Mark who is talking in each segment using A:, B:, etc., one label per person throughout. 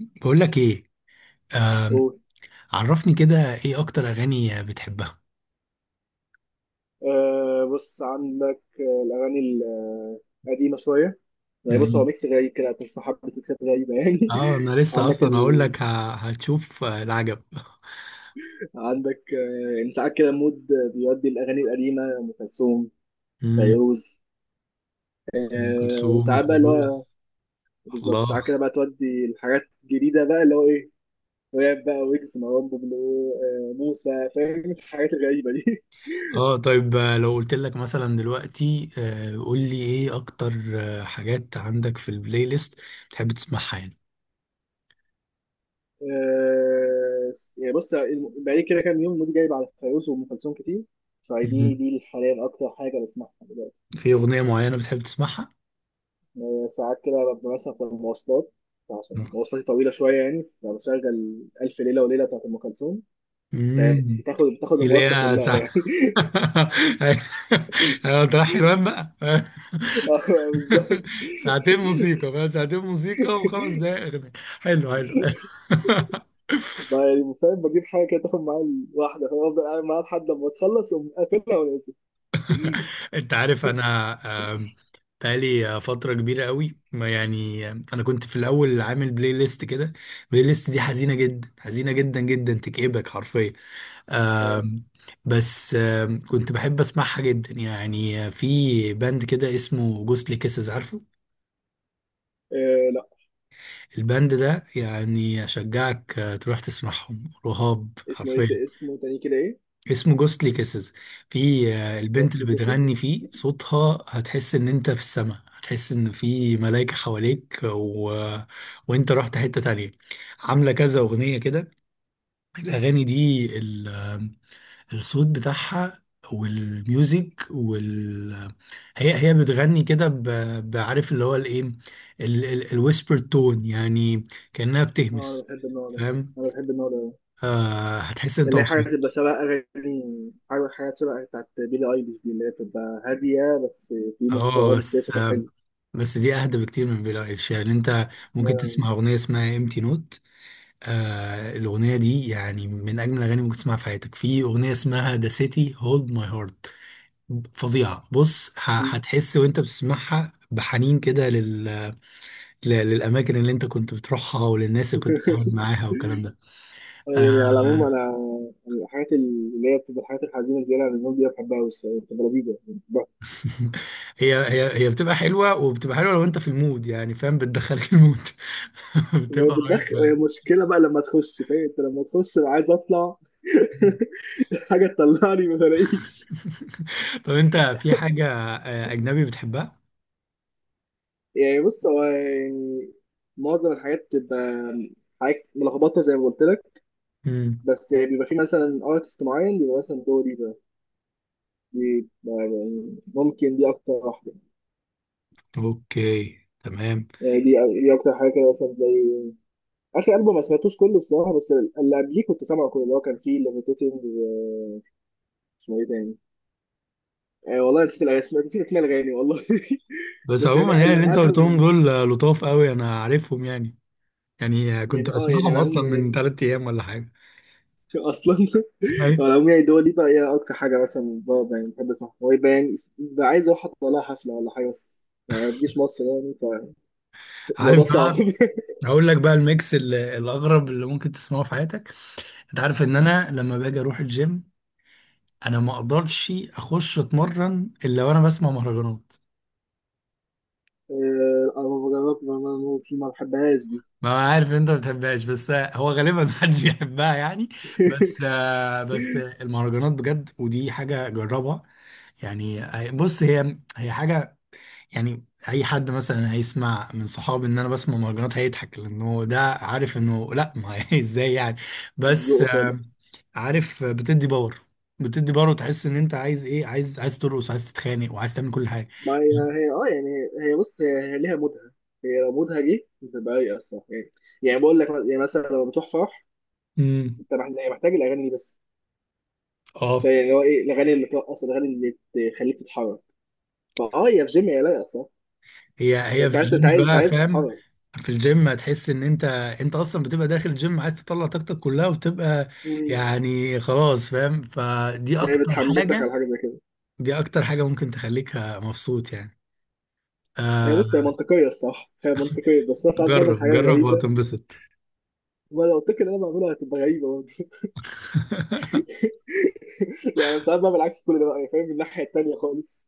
A: بقول لك ايه؟ آم،
B: قول.
A: عرفني كده ايه اكتر اغاني بتحبها؟
B: بص عندك الأغاني القديمة شوية. يعني بص هو
A: مم.
B: ميكس غريب كده، هتسمع حبة ميكسات غريبة يعني
A: اه انا لسه
B: عندك
A: اصلا هقول
B: ال...
A: لك هتشوف العجب.
B: عندك، يعني ساعات كده مود بيودي الأغاني القديمة، أم كلثوم،
A: مم.
B: فيروز.
A: ام كلثوم
B: وساعات بقى اللي هو
A: وفيروز.
B: بالظبط، ساعات
A: الله.
B: كده بقى تودي الحاجات الجديدة بقى اللي هو إيه، راب بقى، ويجز، مروان بابلو، موسى، فاهم الحاجات الغريبة دي
A: اه طيب، لو قلت لك مثلا دلوقتي، قول لي ايه اكتر حاجات عندك في البلاي ليست بتحب تسمعها يعني.
B: يعني بص بقالي كده كام يوم مودي جايب على فيروز وأم كلثوم كتير، فدي
A: مم.
B: دي حاليا أكتر حاجة بسمعها دلوقتي.
A: في اغنية معينة بتحب تسمعها؟
B: ساعات كده ببقى مثلا في المواصلات، عشان مواصلاتي طويلة شوية يعني، فبشغل ألف ليلة وليلة بتاعت أم كلثوم، فهي
A: امم.
B: بتاخد
A: اللي
B: المواصلة
A: هي
B: كلها
A: ساعة؟
B: يعني.
A: ايوه، تروح حلوان بقى.
B: بالظبط.
A: ساعتين موسيقى بقى، ساعتين موسيقى وخمس دقايق اغنيه. حلو حلو حلو.
B: بقى يعني فاهم، بجيب حاجة كده تاخد معايا الواحدة، فأفضل قاعد معاها لحد ما تخلص وأقوم قافلها ونازل.
A: انت عارف انا بقالي فتره كبيره قوي، ما يعني، انا كنت في الاول عامل بلاي ليست كده. البلاي ليست دي حزينه جدا، حزينه جدا جدا، تكئبك حرفيا.
B: آه،
A: آم، بس كنت بحب اسمعها جدا يعني. في باند كده اسمه جوستلي كيسز، عارفه
B: لا.
A: الباند ده؟ يعني اشجعك تروح تسمعهم، رهاب
B: اسمه
A: حرفيا.
B: إيه، اسمه تاني كده إيه؟
A: اسمه جوستلي كيسز. في البنت اللي
B: بوصلة كيسز.
A: بتغني فيه، صوتها هتحس ان انت في السماء، هتحس ان في ملائكة حواليك، و... وانت رحت حتة تانية. عاملة كذا اغنية كده. الاغاني دي ال... آه، الصوت بتاعها والميوزك، وال آه، هي بتغني كده، بعرف اللي هو الايه، الويسبر تون يعني، كأنها
B: اه انا
A: بتهمس.
B: بحب النوع ده،
A: فاهم؟
B: انا بحب النوع ده،
A: هتحس ان انت
B: اللي هي حاجه
A: مبسوط.
B: تبقى شبه اغاني، حاجه حاجات شبه بتاعت بيلي ايليش دي، اللي هي بتبقى هاديه، بس في موسيقى،
A: اه،
B: اه بس هي
A: بس
B: صوتها حلو.
A: بس دي اهدى بكتير من بيلي ايليش يعني. انت ممكن
B: آه،
A: تسمع اغنيه اسمها امتي نوت. الاغنيه دي يعني من اجمل الاغاني ممكن تسمعها في حياتك. في اغنيه اسمها ذا سيتي هولد ماي هارت، فظيعه. بص، هتحس وانت بتسمعها بحنين كده للاماكن اللي انت كنت بتروحها والناس اللي كنت بتتعامل معاها والكلام ده.
B: يعني على العموم
A: آه.
B: انا، يعني الحاجات اللي هي بتبقى الحاجات الحزينه زياده عن اللزوم دي، بحبها قوي الصراحه، بتبقى لذيذه يعني، بحبها.
A: هي بتبقى حلوه، وبتبقى حلوه لو انت في المود، يعني فاهم؟ بتدخلك المود.
B: وهي
A: بتبقى
B: بتدخل،
A: رهيبه.
B: هي مشكله بقى لما تخش، فاهم؟ انت لما تخش أنا عايز اطلع. حاجه تطلعني ما بلاقيش.
A: طب، انت في حاجة أجنبي بتحبها؟
B: يعني بص هو يعني معظم الحاجات بتبقى حاجات ملخبطه زي ما قلت لك،
A: امم.
B: بس يعني بيبقى في مثلا ارتست معين، بيبقى مثلا دوري ده، دي بقى يعني ممكن دي اكتر واحده.
A: اوكي تمام.
B: يعني دي، دي اكتر حاجه كده مثلا، زي اخر البوم ما سمعتوش كله الصراحه، بس اللي قبليه كنت سامعه كله، اللي هو كان فيه ليفيتيتنج، اسمه ايه تاني، والله نسيت الاسماء، نسيت اسماء الاغاني والله.
A: بس
B: بس
A: عموما
B: يعني
A: يعني
B: اللي
A: اللي انت أجنبي
B: قبله.
A: قلتهم دول لطاف قوي، انا عارفهم يعني. يعني كنت
B: يعني اه يعني
A: بسمعهم
B: على العموم
A: اصلا من ثلاث ايام ولا حاجه.
B: اصلا.
A: أيوة.
B: على العموم يعني دول، دي بقى هي اكتر حاجه مثلا بقعد يعني بحب اسمعها، هو يبقى يعني بقى عايز اروح اطلع لها حفله ولا حاجه، بس يعني ما تجيش مصر يعني، فالموضوع
A: عارف
B: صعب.
A: بقى، هقول لك بقى الميكس الاغرب اللي ممكن تسمعه في حياتك. انت عارف ان انا لما باجي اروح الجيم، انا ما اقدرش اخش اتمرن الا وانا بسمع مهرجانات.
B: الافوكادو بما فيه ما بحبهاش دي.
A: ما انا عارف إن انت ما بتحبهاش، بس هو غالبا محدش بيحبها يعني. بس، بس المهرجانات بجد، ودي حاجه جربها يعني. بص، هي حاجه يعني، اي حد مثلا هيسمع من صحابي ان انا بسمع مهرجانات هيضحك، لانه ده عارف انه لا، ما هي ازاي يعني؟
B: مش
A: بس
B: ذوقه خالص.
A: عارف بتدي باور، بتدي باور وتحس ان انت عايز ايه، عايز ترقص، عايز تتخانق، وعايز تعمل كل حاجه.
B: ما هي هي اه يعني هي بص هي، هي ليها مودها، هي لو مودها جه بتبقى رايقه الصراحه يعني. يعني بقول لك، يعني مثلا لما بتروح فرح،
A: امم.
B: انت يعني محتاج الاغاني دي بس.
A: اه،
B: فيعني هو ايه، الاغاني اللي ترقص، الاغاني اللي تخليك تتحرك. فاه، هي في جيم هي لايقه الصراحه.
A: هي
B: يعني
A: هي في
B: انت عايز انت
A: الجيم
B: عايز انت
A: بقى
B: عايز
A: فاهم.
B: تتحرك.
A: في الجيم هتحس ان انت، انت اصلا بتبقى داخل الجيم عايز تطلع طاقتك كلها وتبقى،
B: مم.
A: يعني خلاص فاهم، فدي
B: هي
A: اكتر
B: بتحمسك على
A: حاجة.
B: حاجه زي كده.
A: دي اكتر حاجة ممكن تخليك مبسوط يعني.
B: هي بص هي
A: آه
B: منطقيه الصراحه، هي منطقيه، بس انا ساعات بعمل
A: جرب
B: حاجات
A: جرب
B: غريبه،
A: وهتنبسط.
B: وانا لو قلت لك ان انا بعملها هتبقى غريبه برضه. يعني ساعات بقى بالعكس كل ده، بقى يعني فاهم، من الناحيه التانيه خالص.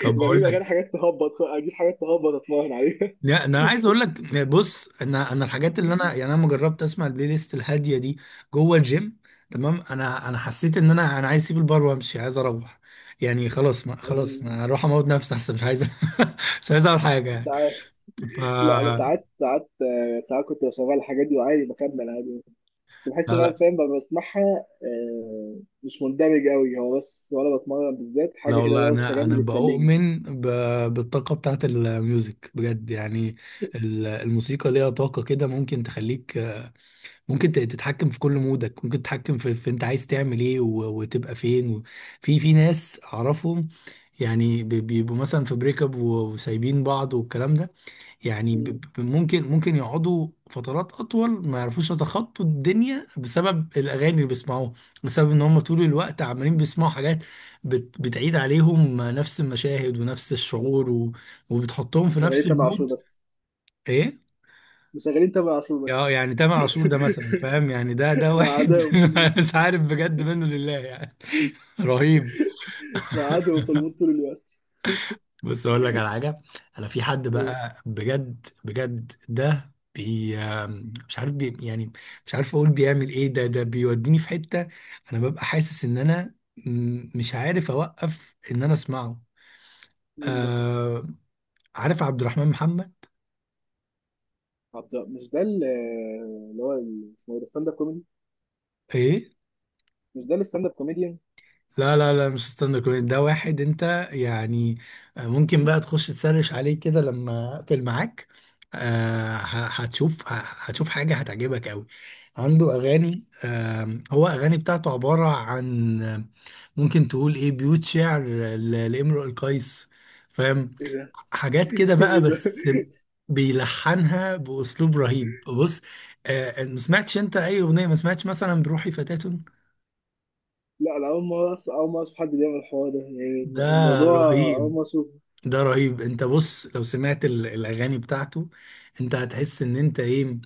A: طب بقول
B: بجيب اغاني
A: لك،
B: حاجات تهبط، اجيب حاجات تهبط اتمرن عليها.
A: لا، ده انا عايز اقول لك. بص انا، الحاجات اللي انا، يعني انا لما جربت اسمع البلاي ليست الهاديه دي جوه الجيم تمام، انا حسيت ان انا عايز اسيب البار وامشي، عايز اروح، يعني خلاص، ما خلاص،
B: يعني
A: انا هروح اموت نفسي احسن، مش عايز. مش عايز اعمل حاجه
B: مش
A: يعني.
B: عارف. لا انا
A: لا.
B: ساعات، ساعات ساعات كنت بشغل الحاجات دي وعادي بكمل عادي يعني. بس بحس ان انا
A: لا
B: فاهم، ببقى بسمعها مش مندمج قوي، هو بس وانا بتمرن بالذات
A: لا،
B: حاجه كده
A: والله
B: دوشه
A: انا،
B: جنبي بتسليني.
A: بؤمن بالطاقه بتاعت الميوزك بجد يعني. الموسيقى ليها طاقه كده، ممكن تخليك، ممكن تتحكم في كل مودك، ممكن تتحكم في انت عايز تعمل ايه، وتبقى فين في في ناس اعرفهم يعني، بيبقوا مثلا في بريك اب، وسايبين بعض والكلام ده. يعني ب-
B: مم.
A: ب- ممكن ممكن يقعدوا فترات اطول ما يعرفوش يتخطوا الدنيا بسبب الاغاني اللي بيسمعوها، بسبب ان هم طول الوقت عمالين بيسمعوا حاجات بتعيد عليهم نفس المشاهد ونفس الشعور، و... وبتحطهم في نفس
B: شغالين تامر عاشور
A: المود.
B: بس،
A: ايه.
B: مشغلين تامر عاشور
A: اه،
B: بس.
A: يعني تامر عاشور ده مثلا فاهم، يعني ده
B: مع
A: واحد.
B: عدوهم في
A: مش عارف بجد، منه لله يعني. رهيب.
B: مع عدوهم في المود طول الوقت.
A: بص اقول لك على حاجه. انا في حد بقى، بجد بجد، ده بي، مش عارف بي يعني، مش عارف اقول بيعمل ايه. ده بيوديني في حته، انا ببقى حاسس ان انا مش عارف اوقف ان انا اسمعه.
B: مين ده؟
A: آه عارف عبد الرحمن محمد؟
B: عبد، مش ده اللي هو اسمه ايه ده، ستاند اب كوميدي؟
A: ايه،
B: مش ده الستاند اب كوميديان؟
A: لا لا لا مش ستاند اب كوميدي. ده واحد انت يعني، ممكن بقى تخش تسرش عليه كده لما اقفل معاك، هتشوف حاجة هتعجبك قوي. عنده اغاني، هو اغاني بتاعته عبارة عن، ممكن تقول ايه، بيوت شعر لامرؤ القيس فاهم؟
B: ايه ده!
A: حاجات كده بقى،
B: ايه ده!
A: بس بيلحنها باسلوب رهيب. بص، ما سمعتش انت اي اغنية؟ ما سمعتش مثلا بروحي فتاة؟
B: لا انا اول ما اول ما اشوف حد بيعمل الحوار ده يعني،
A: ده
B: الموضوع، اول
A: رهيب.
B: ما اشوف.
A: ده رهيب. انت بص، لو سمعت الاغاني بتاعته، انت هتحس ان انت ايه،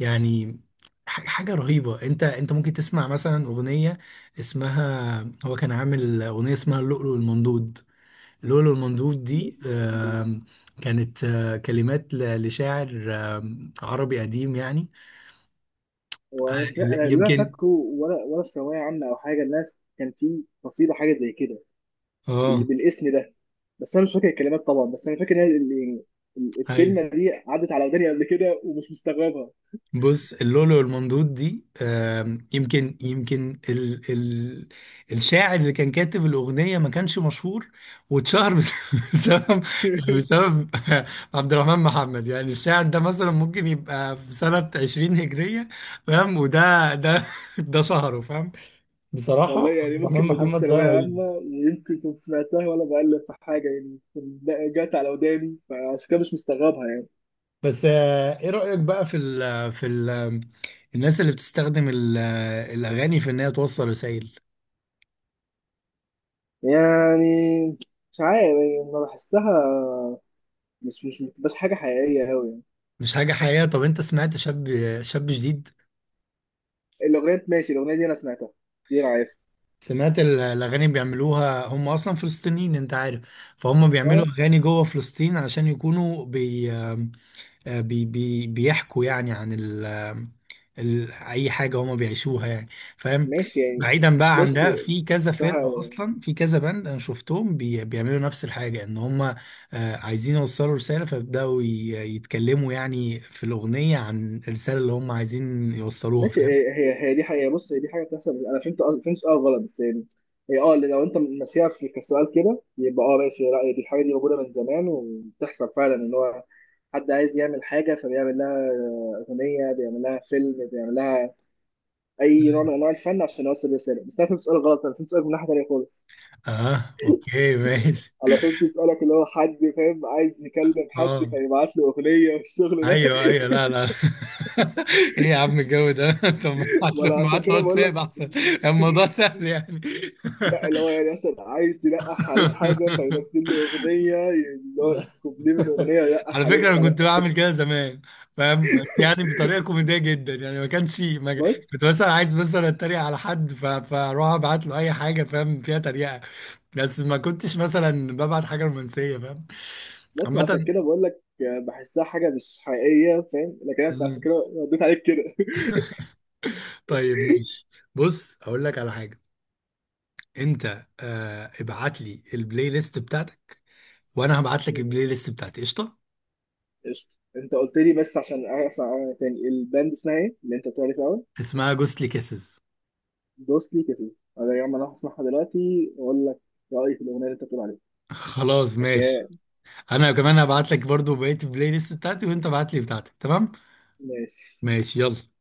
A: يعني حاجه رهيبه. انت ممكن تسمع مثلا اغنيه اسمها، هو كان عامل اغنيه اسمها اللؤلؤ المنضود. اللؤلؤ المنضود دي كانت كلمات لشاعر عربي قديم يعني. آه،
B: وانا سمعت،
A: لا،
B: انا اللي انا
A: يمكن.
B: فاكره، وانا وانا في ثانويه عامه او حاجه، الناس كان في قصيده حاجه زي كده، بال...
A: اه،
B: بالاسم ده، بس انا مش فاكر الكلمات طبعا، بس انا فاكر ان هي
A: ايوه.
B: الكلمه دي عدت على وداني قبل كده ومش مستغربها.
A: بص، اللولو والمندوب دي، يمكن، ال ال الشاعر اللي كان كاتب الأغنية ما كانش مشهور، واتشهر بسبب، يعني بسبب عبد الرحمن محمد. يعني الشاعر ده مثلا ممكن يبقى في سنة 20 هجرية فاهم، وده ده شهره فاهم.
B: والله
A: بصراحة عبد
B: يعني
A: الرحمن
B: ممكن ما كنتش
A: محمد ده
B: ثانوية عامة،
A: رهيب.
B: ويمكن كنت سمعتها وأنا بقلب في حاجة يعني جت على وداني، فعشان كده مش مستغربها يعني.
A: بس ايه رأيك بقى في ال في ال الناس اللي بتستخدم الأغاني في إن هي توصل رسائل؟
B: يعني مش عارف يعني، ما بحسها، مش بتبقاش حاجة حقيقية أوي يعني.
A: مش حاجة حقيقية؟ طب انت سمعت شاب شاب جديد.
B: الأغنية ماشي، الأغنية دي أنا سمعتها، دي أنا عارفها.
A: سمعت الأغاني بيعملوها، هم أصلا فلسطينيين انت عارف. فهم بيعملوا
B: أه
A: أغاني جوه فلسطين عشان يكونوا بي آه، بي بي بيحكوا يعني عن ال ال أي حاجة هم بيعيشوها يعني فاهم.
B: ماشي يعني.
A: بعيدا بقى عن
B: بص
A: ده، في كذا
B: صح،
A: فرقة أصلا، في كذا بند أنا شفتهم بيعملوا نفس الحاجة إن هم عايزين يوصلوا رسالة، فبدأوا يتكلموا يعني في الأغنية عن الرسالة اللي هم عايزين يوصلوها
B: ماشي.
A: فاهم.
B: هي دي حقيقة. بص هي دي حاجة بتحصل، بس أنا فهمت فهمت سؤال غلط بس يعني. هي اه اللي لو أنت ماشيها في كسؤال كده، يبقى اه ماشي. لا هي دي الحاجة دي موجودة من زمان، وبتحصل فعلا إن هو حد عايز يعمل حاجة، فبيعمل لها أغنية، بيعمل لها فيلم، بيعمل لها أي نوع من أنواع الفن عشان يوصل رسالة. بس أنا فهمت سؤال غلط، أنا فهمت سؤال من ناحية تانية خالص.
A: اه اوكي ماشي.
B: أنا فهمت سؤالك اللي هو حد فاهم عايز يكلم حد
A: اه
B: فيبعت له أغنية والشغل ده.
A: ايوه ايوه، لا لا. ايه يا عم الجو ده؟ طب،
B: وأنا
A: ما
B: عشان
A: ابعت له
B: كده بقول
A: واتساب
B: لك
A: احسن، الموضوع سهل يعني.
B: لا، اللي هو يعني مثلا عايز يلقح عليه بحاجة، فينزل له أغنية اللي هو
A: لا.
B: كوبليه من أغنية يلقح
A: على
B: عليه،
A: فكره انا
B: فأنا
A: كنت بعمل كده زمان فاهم، بس يعني بطريقه كوميديه جدا يعني ما كانش، ما كان-
B: بس.
A: كنت مثلا عايز، مثلا اتريق على حد، فاروح ابعت له اي حاجه فاهم فيها تريقه، بس ما كنتش مثلا ببعت حاجه رومانسيه فاهم،
B: بس عشان
A: عامه.
B: كده بقول لك بحسها حاجة مش حقيقية، فاهم؟ لكن أنت عشان كده رديت عليك كده.
A: طيب ماشي. بص هقول لك على حاجه، انت ابعت لي البلاي ليست بتاعتك، وانا هبعت لك البلاي
B: ماشي.
A: ليست بتاعتي قشطه.
B: قشطة. أنت قلت لي بس عشان أسمع تاني، الباند اسمها إيه اللي أنت بتقول عليه في الأول؟
A: اسمها جوستلي كيسز.
B: دوسلي كيسز. أنا يا عم أنا هسمعها دلوقتي وأقول لك رأيي في الأغنية اللي أنت بتقول عليها.
A: خلاص ماشي.
B: أوكي
A: انا كمان هبعت لك برضو بقيه البلاي ليست بتاعتي، وانت ابعت لي بتاعتك. تمام
B: ماشي.
A: ماشي يلا.